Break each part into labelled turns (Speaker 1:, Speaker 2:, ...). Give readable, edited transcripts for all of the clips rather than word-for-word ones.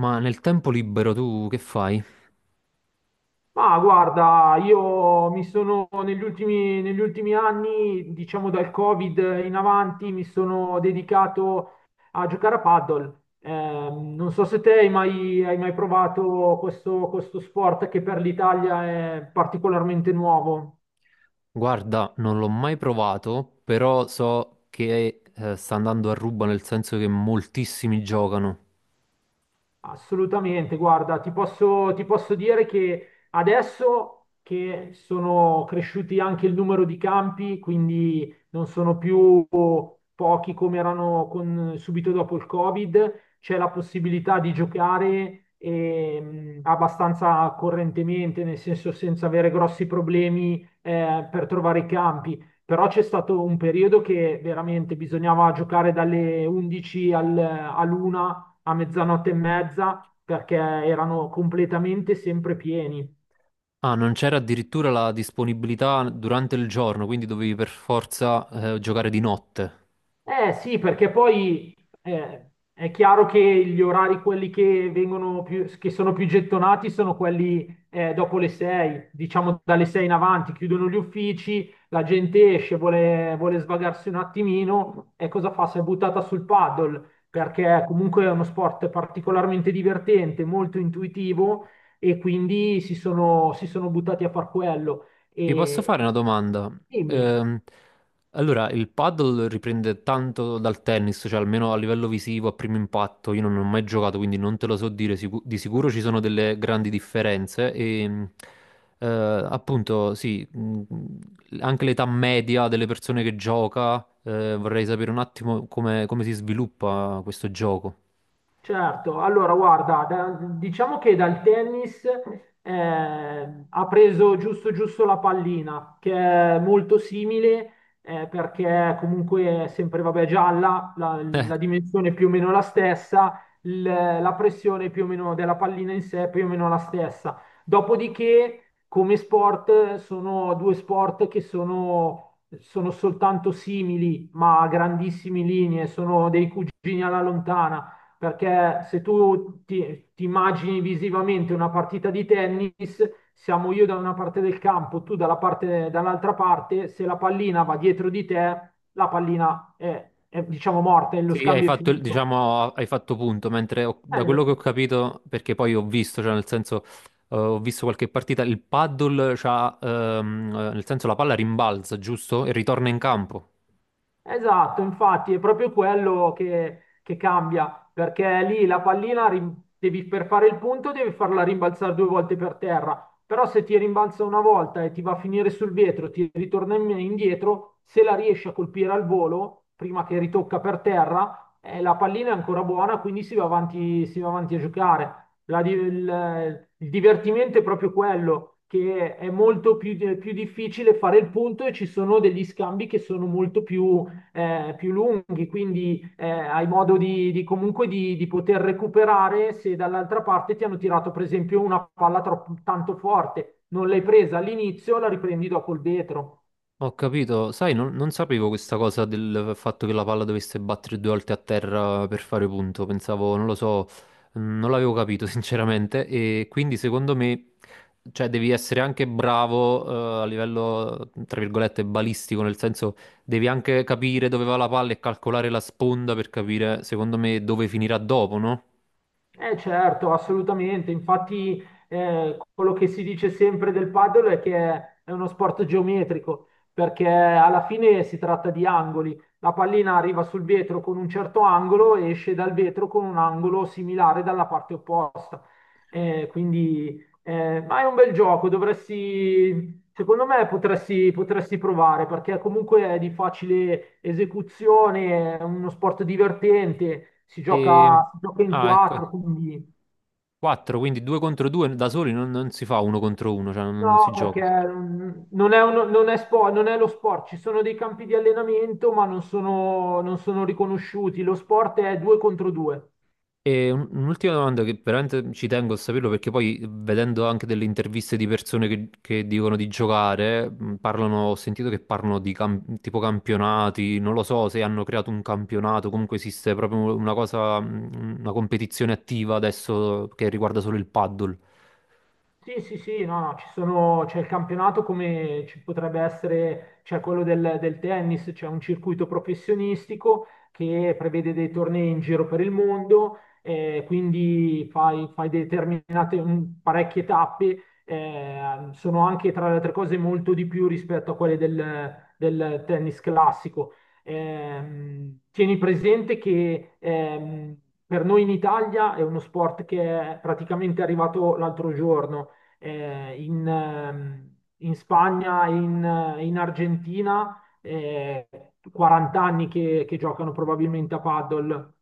Speaker 1: Ma nel tempo libero tu che fai?
Speaker 2: Ma guarda, io mi sono negli ultimi anni, diciamo dal Covid in avanti, mi sono dedicato a giocare a paddle. Non so se te hai mai provato questo sport che per l'Italia è particolarmente nuovo.
Speaker 1: Guarda, non l'ho mai provato, però so che sta andando a ruba, nel senso che moltissimi giocano.
Speaker 2: Assolutamente, guarda, ti posso dire che adesso che sono cresciuti anche il numero di campi, quindi non sono più pochi come erano subito dopo il Covid, c'è la possibilità di giocare abbastanza correntemente, nel senso senza avere grossi problemi per trovare i campi. Però c'è stato un periodo che veramente bisognava giocare dalle 11 all'una a mezzanotte e mezza perché erano completamente sempre pieni.
Speaker 1: Ah, non c'era addirittura la disponibilità durante il giorno, quindi dovevi per forza giocare di notte.
Speaker 2: Eh sì, perché poi è chiaro che gli orari, quelli che vengono più, che sono più gettonati, sono quelli dopo le 6, diciamo dalle 6 in avanti, chiudono gli uffici, la gente esce, vuole svagarsi un attimino e cosa fa? Si è buttata sul paddle, perché comunque è uno sport particolarmente divertente, molto intuitivo e quindi si sono buttati a far quello.
Speaker 1: Ti posso
Speaker 2: E,
Speaker 1: fare una domanda?
Speaker 2: Dimmi.
Speaker 1: Ehm, allora, il paddle riprende tanto dal tennis, cioè almeno a livello visivo, a primo impatto. Io non ho mai giocato, quindi non te lo so dire. Di sicuro ci sono delle grandi differenze. Eh, Appunto, sì, anche l'età media delle persone che gioca, vorrei sapere un attimo come, come si sviluppa questo gioco.
Speaker 2: Certo, allora guarda, diciamo che dal tennis eh, ha preso giusto giusto la pallina, che è molto simile perché comunque è sempre vabbè, gialla, la, la dimensione è più o meno la stessa, la pressione più o meno della pallina in sé è più o meno la stessa. Dopodiché, come sport, sono due sport che sono soltanto simili, ma a grandissime linee, sono dei cugini alla lontana perché se tu ti immagini visivamente una partita di tennis, siamo io da una parte del campo, tu dall'altra parte, se la pallina va dietro di te, la pallina è, diciamo morta e lo
Speaker 1: Sì, hai
Speaker 2: scambio è
Speaker 1: fatto,
Speaker 2: finito.
Speaker 1: diciamo, hai fatto punto, mentre da
Speaker 2: Eh.
Speaker 1: quello che ho capito, perché poi ho visto, cioè nel senso, ho visto qualche partita, il paddle c'ha, nel senso la palla rimbalza, giusto? E ritorna in campo.
Speaker 2: Esatto, infatti è proprio quello che cambia, perché lì la pallina per fare il punto devi farla rimbalzare 2 volte per terra, però se ti rimbalza una volta e ti va a finire sul vetro, ti ritorna indietro, se la riesci a colpire al volo, prima che ritocca per terra, la pallina è ancora buona, quindi si va avanti a giocare. Il divertimento è proprio quello che è molto più difficile fare il punto e ci sono degli scambi che sono molto più lunghi, quindi hai modo di poter recuperare se dall'altra parte ti hanno tirato per esempio una palla tanto forte, non l'hai presa all'inizio, la riprendi dopo il vetro.
Speaker 1: Ho capito, sai, non sapevo questa cosa del fatto che la palla dovesse battere due volte a terra per fare punto, pensavo, non lo so, non l'avevo capito sinceramente, e quindi secondo me, cioè, devi essere anche bravo a livello, tra virgolette, balistico, nel senso devi anche capire dove va la palla e calcolare la sponda per capire, secondo me, dove finirà dopo, no?
Speaker 2: Eh certo, assolutamente. Infatti, quello che si dice sempre del paddle è che è uno sport geometrico, perché alla fine si tratta di angoli. La pallina arriva sul vetro con un certo angolo e esce dal vetro con un angolo similare dalla parte opposta. Eh, quindi, ma è un bel gioco, dovresti secondo me potresti provare perché comunque è di facile esecuzione, è uno sport divertente, si
Speaker 1: E...
Speaker 2: gioca, si gioca in
Speaker 1: Ah, ecco,
Speaker 2: quattro, quindi.
Speaker 1: 4, quindi 2 contro 2, da soli non si fa uno contro uno, cioè non si
Speaker 2: No,
Speaker 1: gioca.
Speaker 2: perché non è lo sport, ci sono dei campi di allenamento ma non sono riconosciuti, lo sport è 2 contro 2.
Speaker 1: E un'ultima domanda, che veramente ci tengo a saperlo, perché poi vedendo anche delle interviste di persone che dicono di giocare, parlano, ho sentito che parlano di tipo campionati, non lo so se hanno creato un campionato. Comunque esiste proprio una cosa, una competizione attiva adesso che riguarda solo il paddle.
Speaker 2: Sì, sì, sì, no, no, c'è il campionato come ci potrebbe essere, c'è quello del tennis, c'è un circuito professionistico che prevede dei tornei in giro per il mondo, quindi fai parecchie tappe, sono anche tra le altre cose molto di più rispetto a quelle del tennis classico. Tieni presente che per noi in Italia è uno sport che è praticamente arrivato l'altro giorno in Spagna e in Argentina, 40 anni che giocano probabilmente a paddle.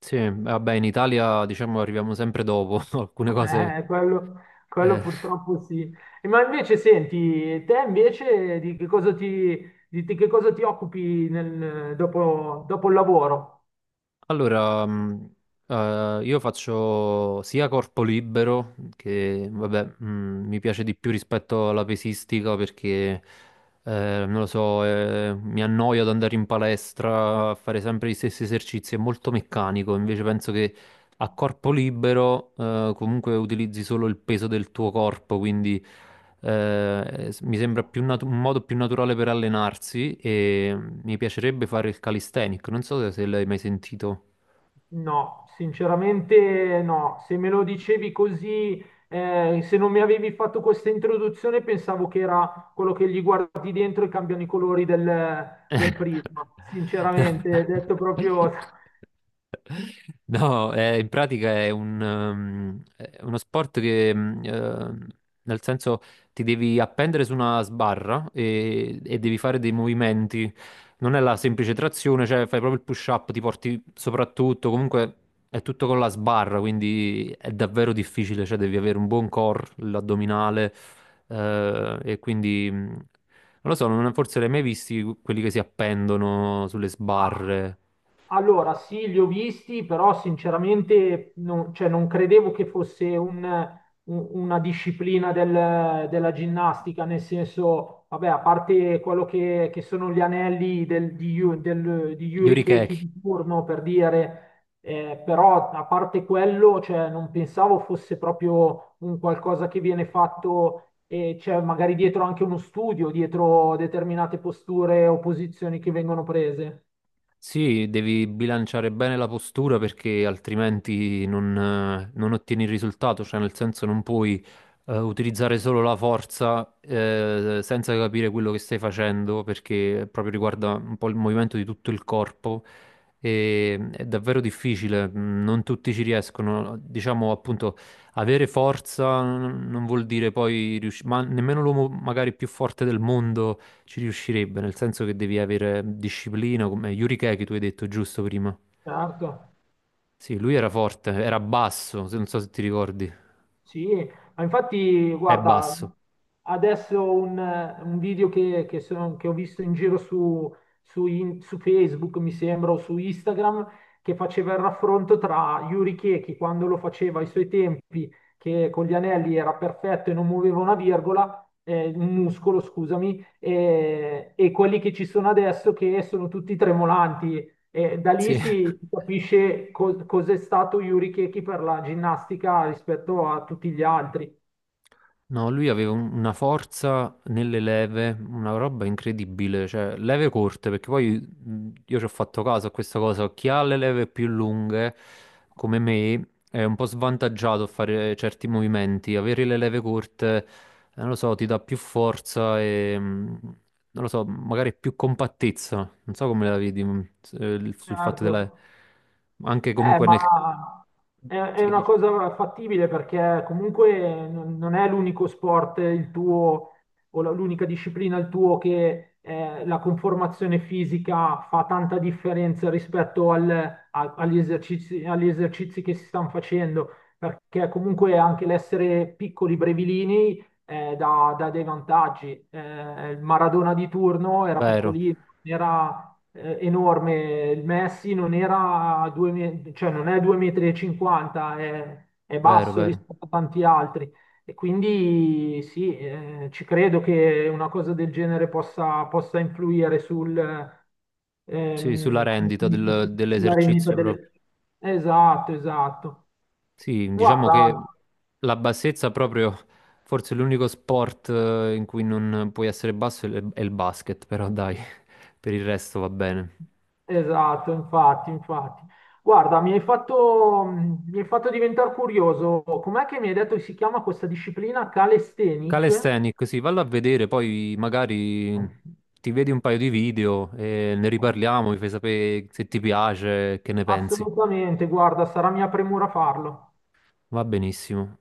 Speaker 1: Sì, vabbè, in Italia diciamo arriviamo sempre dopo alcune cose.
Speaker 2: Eh, quello, quello
Speaker 1: Eh.
Speaker 2: purtroppo sì. Ma invece senti, te invece di che cosa ti occupi dopo il lavoro?
Speaker 1: Allora, io faccio sia corpo libero, che vabbè, mi piace di più rispetto alla pesistica, perché, non lo so, mi annoio ad andare in palestra a fare sempre gli stessi esercizi, è molto meccanico, invece penso che a corpo libero, comunque utilizzi solo il peso del tuo corpo, quindi, mi sembra più un modo più naturale per allenarsi, e mi piacerebbe fare il calisthenic, non so se se l'hai mai sentito.
Speaker 2: No, sinceramente no. Se me lo dicevi così, se non mi avevi fatto questa introduzione, pensavo che era quello che gli guardi dentro e cambiano i colori del prisma. Sinceramente, detto proprio.
Speaker 1: No, in pratica è un, è uno sport che, nel senso, ti devi appendere su una sbarra e devi fare dei movimenti. Non è la semplice trazione, cioè fai proprio il push-up, ti porti soprattutto, comunque è tutto con la sbarra, quindi è davvero difficile, cioè devi avere un buon core, l'addominale, e quindi... non lo so, forse li hai mai visti quelli che si appendono sulle
Speaker 2: Ah.
Speaker 1: sbarre.
Speaker 2: Allora, sì, li ho visti, però sinceramente non, cioè, non credevo che fosse una disciplina della ginnastica, nel senso, vabbè, a parte quello che sono gli anelli di
Speaker 1: Gli
Speaker 2: Yuri Keki
Speaker 1: orikeki.
Speaker 2: di turno, per dire, però a parte quello, cioè, non pensavo fosse proprio un qualcosa che viene fatto e c'è magari dietro anche uno studio, dietro determinate posture o posizioni che vengono prese.
Speaker 1: Sì, devi bilanciare bene la postura perché altrimenti non ottieni il risultato, cioè nel senso non puoi utilizzare solo la forza senza capire quello che stai facendo, perché proprio riguarda un po' il movimento di tutto il corpo, e è davvero difficile, non tutti ci riescono. Diciamo appunto, avere forza non vuol dire poi riuscire, ma nemmeno l'uomo magari più forte del mondo ci riuscirebbe, nel senso che devi avere disciplina, come Yuri Keke tu hai detto giusto prima.
Speaker 2: Certo.
Speaker 1: Sì, lui era forte, era basso, se non so se ti ricordi.
Speaker 2: Sì, ma infatti,
Speaker 1: È
Speaker 2: guarda,
Speaker 1: basso.
Speaker 2: adesso un video che ho visto in giro su, su Facebook, mi sembra, o su Instagram, che faceva il raffronto tra Yuri Chechi quando lo faceva ai suoi tempi, che con gli anelli era perfetto e non muoveva una virgola, un muscolo, scusami, e quelli che ci sono adesso che sono tutti tremolanti e da lì
Speaker 1: Sì.
Speaker 2: si capisce cos'è stato Yuri Chechi per la ginnastica rispetto a tutti gli altri.
Speaker 1: No, lui aveva una forza nelle leve, una roba incredibile, cioè leve corte, perché poi io ci ho fatto caso a questa cosa, chi ha le leve più lunghe, come me, è un po' svantaggiato a fare certi movimenti, avere le leve corte, non lo so, ti dà più forza e, non lo so, magari più compattezza, non so come la vedi, sul fatto della...
Speaker 2: Certo.
Speaker 1: anche
Speaker 2: Eh,
Speaker 1: comunque nel...
Speaker 2: ma è
Speaker 1: Sì,
Speaker 2: una cosa fattibile perché comunque non è l'unico sport il tuo o l'unica disciplina il tuo che la conformazione fisica fa tanta differenza rispetto agli esercizi che si stanno facendo, perché comunque anche l'essere piccoli brevilini dà dei vantaggi. Il Maradona di turno era
Speaker 1: vero,
Speaker 2: piccolino, non era enorme. Il Messi non era due, cioè non è 2,50 m, è
Speaker 1: vero,
Speaker 2: basso
Speaker 1: vero.
Speaker 2: rispetto a tanti altri. E quindi sì, ci credo che una cosa del genere possa influire
Speaker 1: Sì, sulla
Speaker 2: come si
Speaker 1: rendita
Speaker 2: dice, sulla rendita
Speaker 1: dell'esercizio proprio.
Speaker 2: del. Esatto, esatto.
Speaker 1: Sì, diciamo che
Speaker 2: Guarda.
Speaker 1: la bassezza proprio, forse l'unico sport in cui non puoi essere basso è il basket, però dai, per il resto va bene.
Speaker 2: Esatto, infatti, infatti. Guarda, mi hai fatto diventare curioso. Com'è che mi hai detto che si chiama questa disciplina calisthenic?
Speaker 1: Calisthenics, sì, vallo a vedere, poi magari ti vedi un paio di video e ne riparliamo, mi fai sapere se ti piace, che ne pensi.
Speaker 2: Assolutamente, guarda, sarà mia premura farlo.
Speaker 1: Va benissimo.